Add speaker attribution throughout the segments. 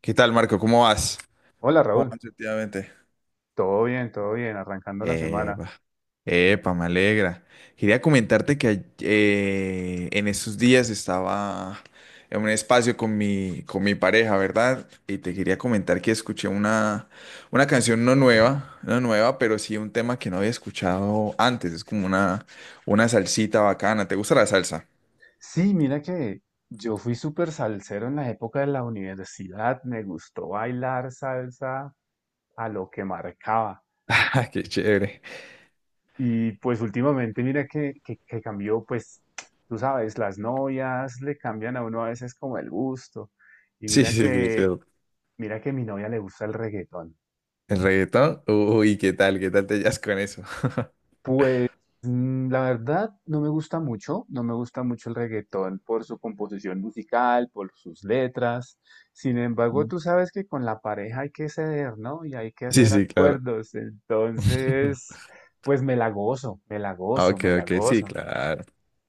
Speaker 1: ¿Qué tal, Marco?
Speaker 2: Hola
Speaker 1: ¿Cómo
Speaker 2: Raúl,
Speaker 1: vas últimamente?
Speaker 2: todo bien, arrancando la semana.
Speaker 1: Epa, epa, me alegra. Quería comentarte que en esos días estaba en un espacio con mi pareja, ¿verdad? Y te quería comentar que escuché una canción no nueva, no nueva, pero sí un tema que no había escuchado antes. Es como una salsita bacana. ¿Te gusta la salsa?
Speaker 2: Sí, mira que yo fui súper salsero en la época de la universidad, me gustó bailar salsa a lo que marcaba.
Speaker 1: Ah, qué chévere.
Speaker 2: Y pues últimamente mira que cambió, pues tú sabes, las novias le cambian a uno a veces como el gusto. Y
Speaker 1: Sí, sí, sí, pero
Speaker 2: mira que a mi novia le gusta el reggaetón.
Speaker 1: el reggaetón. Uy, ¿Qué tal te hallas con eso?
Speaker 2: Pues la verdad no me gusta mucho, no me gusta mucho el reggaetón por su composición musical, por sus letras. Sin embargo, tú sabes que con la pareja hay que ceder, ¿no? Y hay que
Speaker 1: Sí,
Speaker 2: hacer
Speaker 1: sí, claro.
Speaker 2: acuerdos. Entonces, pues me la gozo, me la
Speaker 1: Ah,
Speaker 2: gozo,
Speaker 1: ok,
Speaker 2: me la
Speaker 1: ok, sí,
Speaker 2: gozo.
Speaker 1: claro.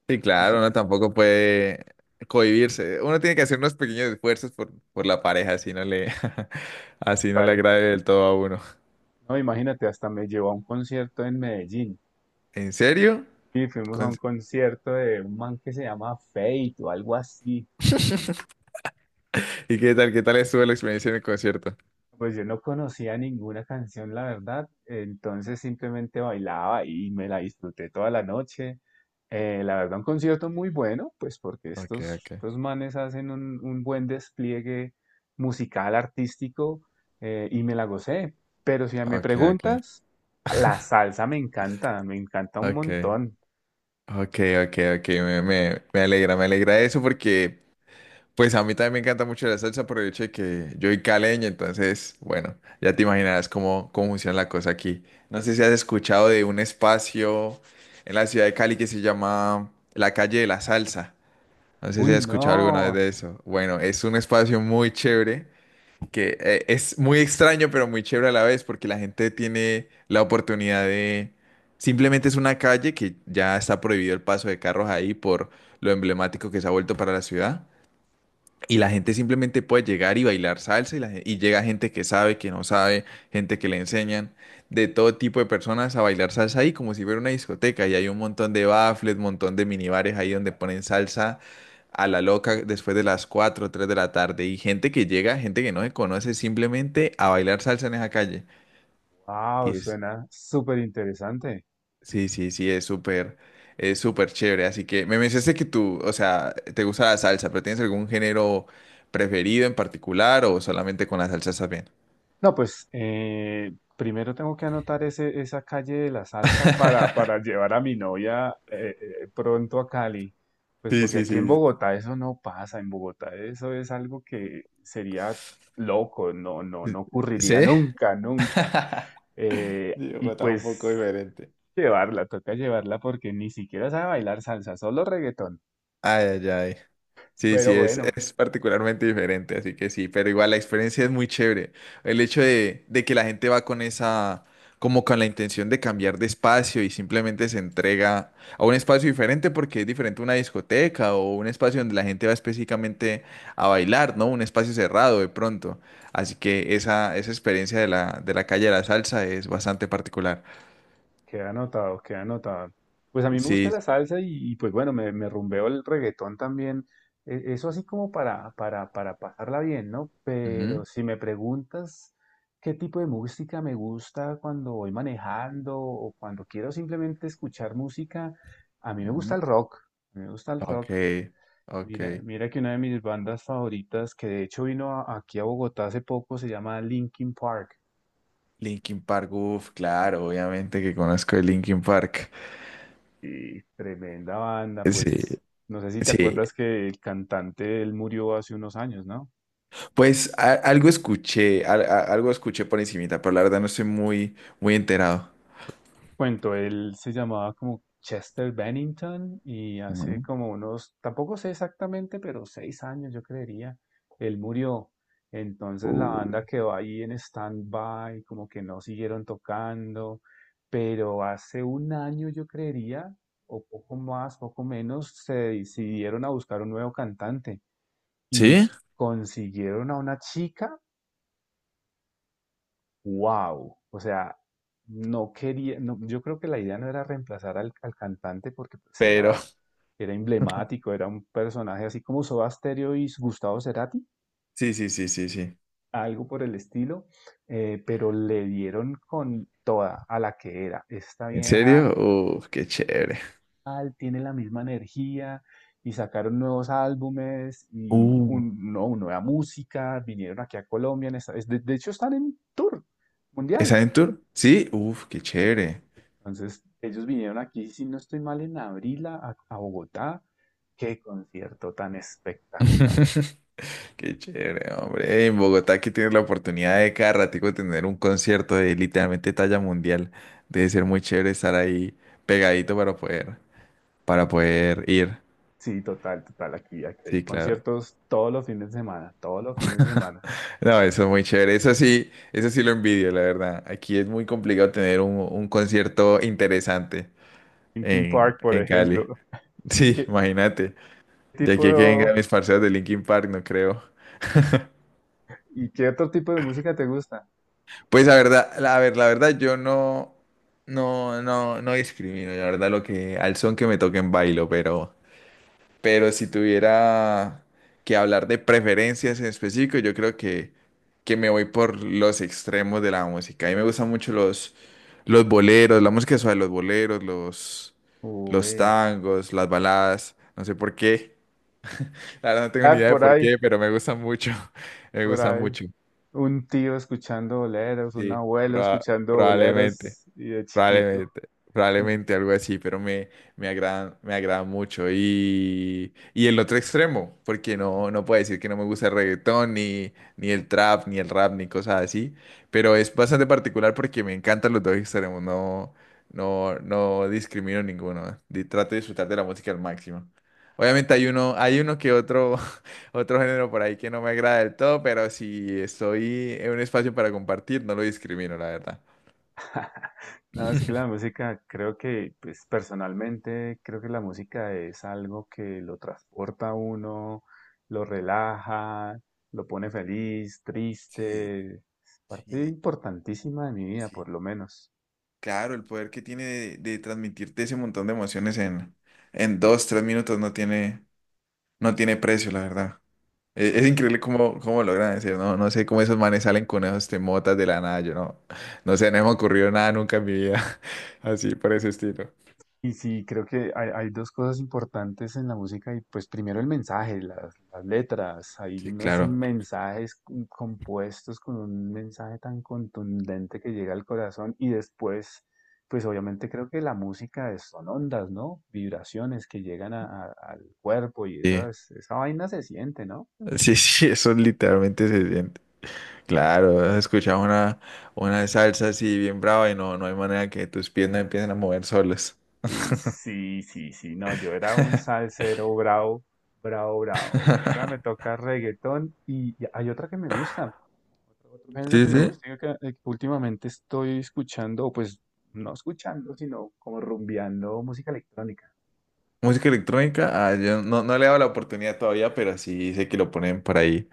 Speaker 1: Sí,
Speaker 2: Pues
Speaker 1: claro,
Speaker 2: sí,
Speaker 1: uno tampoco puede cohibirse. Uno tiene que hacer unos pequeños esfuerzos por la pareja, así no le, así no le
Speaker 2: vale.
Speaker 1: agrade del todo a uno.
Speaker 2: No, imagínate, hasta me llevó a un concierto en Medellín.
Speaker 1: ¿En serio?
Speaker 2: Y fuimos a
Speaker 1: Con-
Speaker 2: un concierto de un man que se llama Fate o algo así.
Speaker 1: ¿Y qué tal estuvo la experiencia en el concierto?
Speaker 2: Pues yo no conocía ninguna canción, la verdad, entonces simplemente bailaba y me la disfruté toda la noche. La verdad, un concierto muy bueno, pues porque
Speaker 1: Ok, ok,
Speaker 2: estos manes hacen un buen despliegue musical, artístico, y me la gocé. Pero si me
Speaker 1: ok, ok,
Speaker 2: preguntas, la salsa me encanta un
Speaker 1: ok,
Speaker 2: montón.
Speaker 1: ok, ok, ok, me alegra eso porque pues a mí también me encanta mucho la salsa por el hecho de que yo soy caleño, entonces, bueno, ya te imaginarás cómo funciona la cosa aquí. No sé si has escuchado de un espacio en la ciudad de Cali que se llama la calle de la salsa. No sé si
Speaker 2: Uy,
Speaker 1: has escuchado alguna vez
Speaker 2: no,
Speaker 1: de eso. Bueno, es un espacio muy chévere, que es muy extraño, pero muy chévere a la vez, porque la gente tiene la oportunidad de... Simplemente es una calle que ya está prohibido el paso de carros ahí por lo emblemático que se ha vuelto para la ciudad. Y la gente simplemente puede llegar y bailar salsa y, y llega gente que sabe, que no sabe, gente que le enseñan, de todo tipo de personas a bailar salsa ahí como si fuera una discoteca. Y hay un montón de baffles, montón de minibares ahí donde ponen salsa a la loca después de las 4 o 3 de la tarde. Y gente que llega, gente que no se conoce, simplemente a bailar salsa en esa calle.
Speaker 2: wow,
Speaker 1: Y es,
Speaker 2: suena súper interesante.
Speaker 1: Sí, sí, sí, es súper chévere. Así que me mencionaste que tú, o sea, te gusta la salsa, pero ¿tienes algún género preferido en particular o solamente con la salsa estás bien?
Speaker 2: No, pues primero tengo que anotar esa calle de la salsa para llevar a mi novia pronto a Cali. Pues
Speaker 1: Sí,
Speaker 2: porque
Speaker 1: sí,
Speaker 2: aquí en
Speaker 1: sí.
Speaker 2: Bogotá eso no pasa, en Bogotá eso es algo que sería loco, no ocurriría
Speaker 1: ¿Sí?
Speaker 2: nunca, nunca. Y
Speaker 1: Digo, estás un poco
Speaker 2: pues
Speaker 1: diferente.
Speaker 2: llevarla, toca llevarla porque ni siquiera sabe bailar salsa, solo reggaetón.
Speaker 1: Ay, ay, ay. Sí, sí,
Speaker 2: Pero
Speaker 1: es,
Speaker 2: bueno,
Speaker 1: es particularmente diferente, así que sí, pero igual la experiencia es muy chévere. El hecho de que la gente va con esa, como con la intención de cambiar de espacio y simplemente se entrega a un espacio diferente porque es diferente a una discoteca o un espacio donde la gente va específicamente a bailar, ¿no? Un espacio cerrado de pronto. Así que esa experiencia de la, calle de la salsa es bastante particular.
Speaker 2: queda anotado, queda anotado. Pues a mí me gusta
Speaker 1: Sí.
Speaker 2: la salsa y pues bueno, me rumbeo el reggaetón también. Eso así como para pasarla bien, ¿no?
Speaker 1: Ujú,
Speaker 2: Pero si me preguntas qué tipo de música me gusta cuando voy manejando o cuando quiero simplemente escuchar música, a mí me gusta
Speaker 1: ujú.
Speaker 2: el rock. A mí me gusta el
Speaker 1: Ok,
Speaker 2: rock.
Speaker 1: ok.
Speaker 2: Mira, mira que una de mis bandas favoritas, que de hecho aquí a Bogotá hace poco, se llama Linkin Park.
Speaker 1: Linkin Park, uff, claro, obviamente que conozco de Linkin Park.
Speaker 2: Y tremenda banda,
Speaker 1: Sí,
Speaker 2: pues no sé si te
Speaker 1: sí.
Speaker 2: acuerdas que el cantante él murió hace unos años, ¿no?
Speaker 1: Pues algo escuché, algo escuché por encimita, pero la verdad no estoy muy, muy enterado.
Speaker 2: Cuento, él se llamaba como Chester Bennington y hace
Speaker 1: Ujú.
Speaker 2: como unos, tampoco sé exactamente, pero seis años yo creería, él murió. Entonces la
Speaker 1: Uh.
Speaker 2: banda quedó ahí en stand-by, como que no siguieron tocando, pero hace un año yo creería, o poco más, poco menos, se decidieron a buscar un nuevo cantante.
Speaker 1: ¿Sí?
Speaker 2: Consiguieron a una chica, wow, o sea, no quería, no, yo creo que la idea no era reemplazar al cantante porque pues
Speaker 1: Pero
Speaker 2: era, era emblemático, era un personaje así como Soda Stereo y Gustavo Cerati,
Speaker 1: sí, sí, sí, sí, sí.
Speaker 2: algo por el estilo, pero le dieron con toda a la que era. Esta
Speaker 1: ¿En
Speaker 2: vieja
Speaker 1: serio? Uff, qué chévere.
Speaker 2: tal, tiene la misma energía y sacaron nuevos álbumes y
Speaker 1: Uh.
Speaker 2: un- no, nueva música, vinieron aquí a Colombia, en esta- es- de hecho están en tour
Speaker 1: ¿Es
Speaker 2: mundial.
Speaker 1: Adventure? Sí, uff, qué chévere.
Speaker 2: Entonces, ellos vinieron aquí, si no estoy mal, en abril a Bogotá. Qué concierto tan espectacular.
Speaker 1: Qué chévere, hombre. En Bogotá que tienes la oportunidad de cada ratico tener un concierto de literalmente talla mundial. Debe ser muy chévere estar ahí pegadito para poder ir.
Speaker 2: Sí, total, total, aquí, aquí hay
Speaker 1: Sí, claro.
Speaker 2: conciertos todos los fines de semana, todos los fines de semana.
Speaker 1: No, eso es muy chévere. Eso sí lo envidio, la verdad. Aquí es muy complicado tener un concierto interesante
Speaker 2: Linkin Park, por
Speaker 1: en Cali.
Speaker 2: ejemplo. ¿Y
Speaker 1: Sí,
Speaker 2: qué
Speaker 1: imagínate. De
Speaker 2: tipo,
Speaker 1: aquí a que vengan mis parceros de Linkin Park, no creo.
Speaker 2: y qué otro tipo de música te gusta?
Speaker 1: Pues la verdad, a ver, la verdad yo no discrimino, la verdad lo que, al son que me toquen bailo, pero si tuviera que hablar de preferencias en específico, yo creo que me voy por los extremos de la música. A mí me gustan mucho los, boleros, la música suave, los boleros, los
Speaker 2: Uy,
Speaker 1: tangos, las baladas, no sé por qué, la verdad no tengo ni
Speaker 2: Art
Speaker 1: idea de
Speaker 2: por
Speaker 1: por
Speaker 2: ahí.
Speaker 1: qué, pero me gustan mucho, me
Speaker 2: Por
Speaker 1: gustan
Speaker 2: ahí,
Speaker 1: mucho,
Speaker 2: un tío escuchando boleros, un
Speaker 1: sí,
Speaker 2: abuelo
Speaker 1: proba-
Speaker 2: escuchando
Speaker 1: probablemente.
Speaker 2: boleros y de chiquito.
Speaker 1: Probablemente, probablemente algo así, pero me agradan mucho. Y el otro extremo, porque no, no puedo decir que no me gusta el reggaetón, ni el trap, ni el rap, ni cosas así, pero es bastante particular porque me encantan los dos extremos, no discrimino ninguno. Trato de disfrutar de la música al máximo. Obviamente hay uno que otro, otro género por ahí que no me agrada del todo, pero si estoy en un espacio para compartir, no lo discrimino, la verdad.
Speaker 2: No, es que la música, creo que, pues personalmente, creo que la música es algo que lo transporta a uno, lo relaja, lo pone feliz,
Speaker 1: Sí,
Speaker 2: triste. Es parte
Speaker 1: sí,
Speaker 2: importantísima de mi vida, por
Speaker 1: sí,
Speaker 2: lo menos.
Speaker 1: claro, el poder que tiene de transmitirte ese montón de emociones en dos, tres minutos no tiene, precio, la verdad. Es increíble cómo logran decir, no sé cómo esos manes salen con esos temotas de la nada, yo no sé, no me ha ocurrido nada nunca en mi vida, así por ese estilo.
Speaker 2: Y sí, creo que hay dos cosas importantes en la música y pues primero el mensaje, las letras, hay
Speaker 1: Sí,
Speaker 2: unos
Speaker 1: claro.
Speaker 2: mensajes compuestos con un mensaje tan contundente que llega al corazón y después, pues obviamente creo que son ondas, ¿no? Vibraciones que llegan al cuerpo y
Speaker 1: Sí,
Speaker 2: esas, esa vaina se siente, ¿no?
Speaker 1: sí, sí, eso literalmente se siente. Claro, has escuchado una salsa así bien brava y no hay manera que tus piernas empiecen a mover solas.
Speaker 2: Uy, sí, sí, sí, no, yo era un salsero bravo, bravo, bravo, y ahora me toca reggaetón y hay otra que me gusta. Otro género
Speaker 1: Sí,
Speaker 2: que me
Speaker 1: sí.
Speaker 2: gusta que últimamente estoy escuchando, o pues no escuchando, sino como rumbeando música electrónica.
Speaker 1: Música electrónica, ah, yo no, no le he dado la oportunidad todavía, pero sí sé que lo ponen por ahí.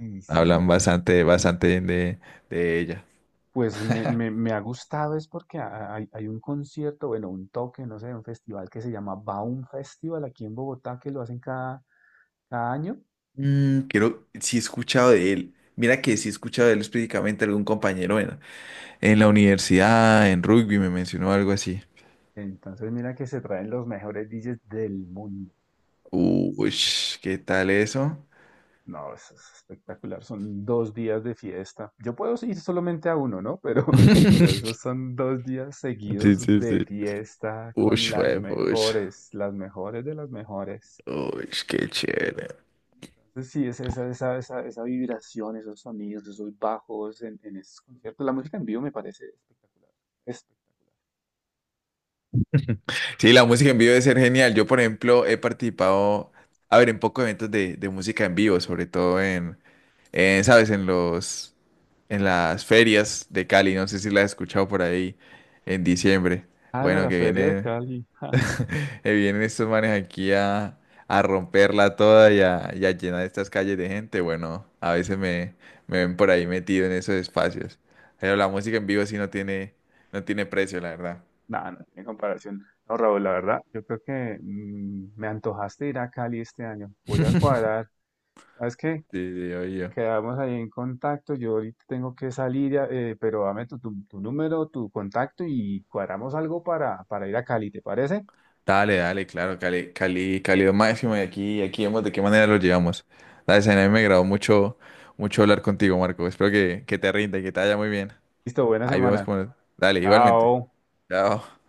Speaker 2: Y
Speaker 1: Hablan
Speaker 2: sí,
Speaker 1: bastante, bastante bien de ella.
Speaker 2: pues me ha gustado es porque hay, hay un concierto, bueno, un toque, no sé, un festival que se llama Baum Festival aquí en Bogotá, que lo hacen cada, cada año.
Speaker 1: Mm, creo, sí he escuchado de él. Mira que sí he escuchado de él específicamente algún compañero en la universidad, en rugby, me mencionó algo así.
Speaker 2: Entonces mira que se traen los mejores DJs del mundo.
Speaker 1: Uy, ¿qué tal eso?
Speaker 2: No, eso es espectacular. Son dos días de fiesta. Yo puedo ir solamente a uno, ¿no? Pero esos son dos días
Speaker 1: Sí,
Speaker 2: seguidos
Speaker 1: sí,
Speaker 2: de
Speaker 1: sí.
Speaker 2: fiesta
Speaker 1: Uy,
Speaker 2: con
Speaker 1: pues,
Speaker 2: las mejores de las mejores.
Speaker 1: uy, qué chévere.
Speaker 2: Entonces, sí, es esa, esa, esa, esa vibración, esos sonidos, esos bajos en esos conciertos. La música en vivo me parece espectacular. Espectacular.
Speaker 1: Sí, la música en vivo debe ser genial. Yo, por ejemplo, he participado, a ver, en pocos eventos de música en vivo, sobre todo en, ¿sabes? En las ferias de Cali. No sé si la has escuchado por ahí en diciembre.
Speaker 2: Ah, la
Speaker 1: Bueno,
Speaker 2: la
Speaker 1: que
Speaker 2: feria de
Speaker 1: vienen,
Speaker 2: Cali.
Speaker 1: que vienen estos manes aquí a romperla toda y a, llenar estas calles de gente. Bueno, a veces me ven por ahí metido en esos espacios. Pero la música en vivo sí no tiene, precio, la verdad.
Speaker 2: No, no tiene comparación. No, Raúl, la verdad, yo creo que me antojaste ir a Cali este año. Voy a cuadrar. ¿Sabes qué?
Speaker 1: Sí, sí, oye.
Speaker 2: Quedamos ahí en contacto. Yo ahorita tengo que salir, ya, pero dame tu número, tu contacto y cuadramos algo para ir a Cali, ¿te parece?
Speaker 1: Dale, dale, claro, Cali, Cali, calidad máxima y aquí vemos de qué manera lo llevamos. Dale, Zaina, a mí me agradó mucho, mucho hablar contigo, Marco. Espero que te rinda y que te vaya muy bien.
Speaker 2: Listo, buena
Speaker 1: Ahí vemos
Speaker 2: semana.
Speaker 1: cómo. Dale, igualmente.
Speaker 2: Chao.
Speaker 1: Chao.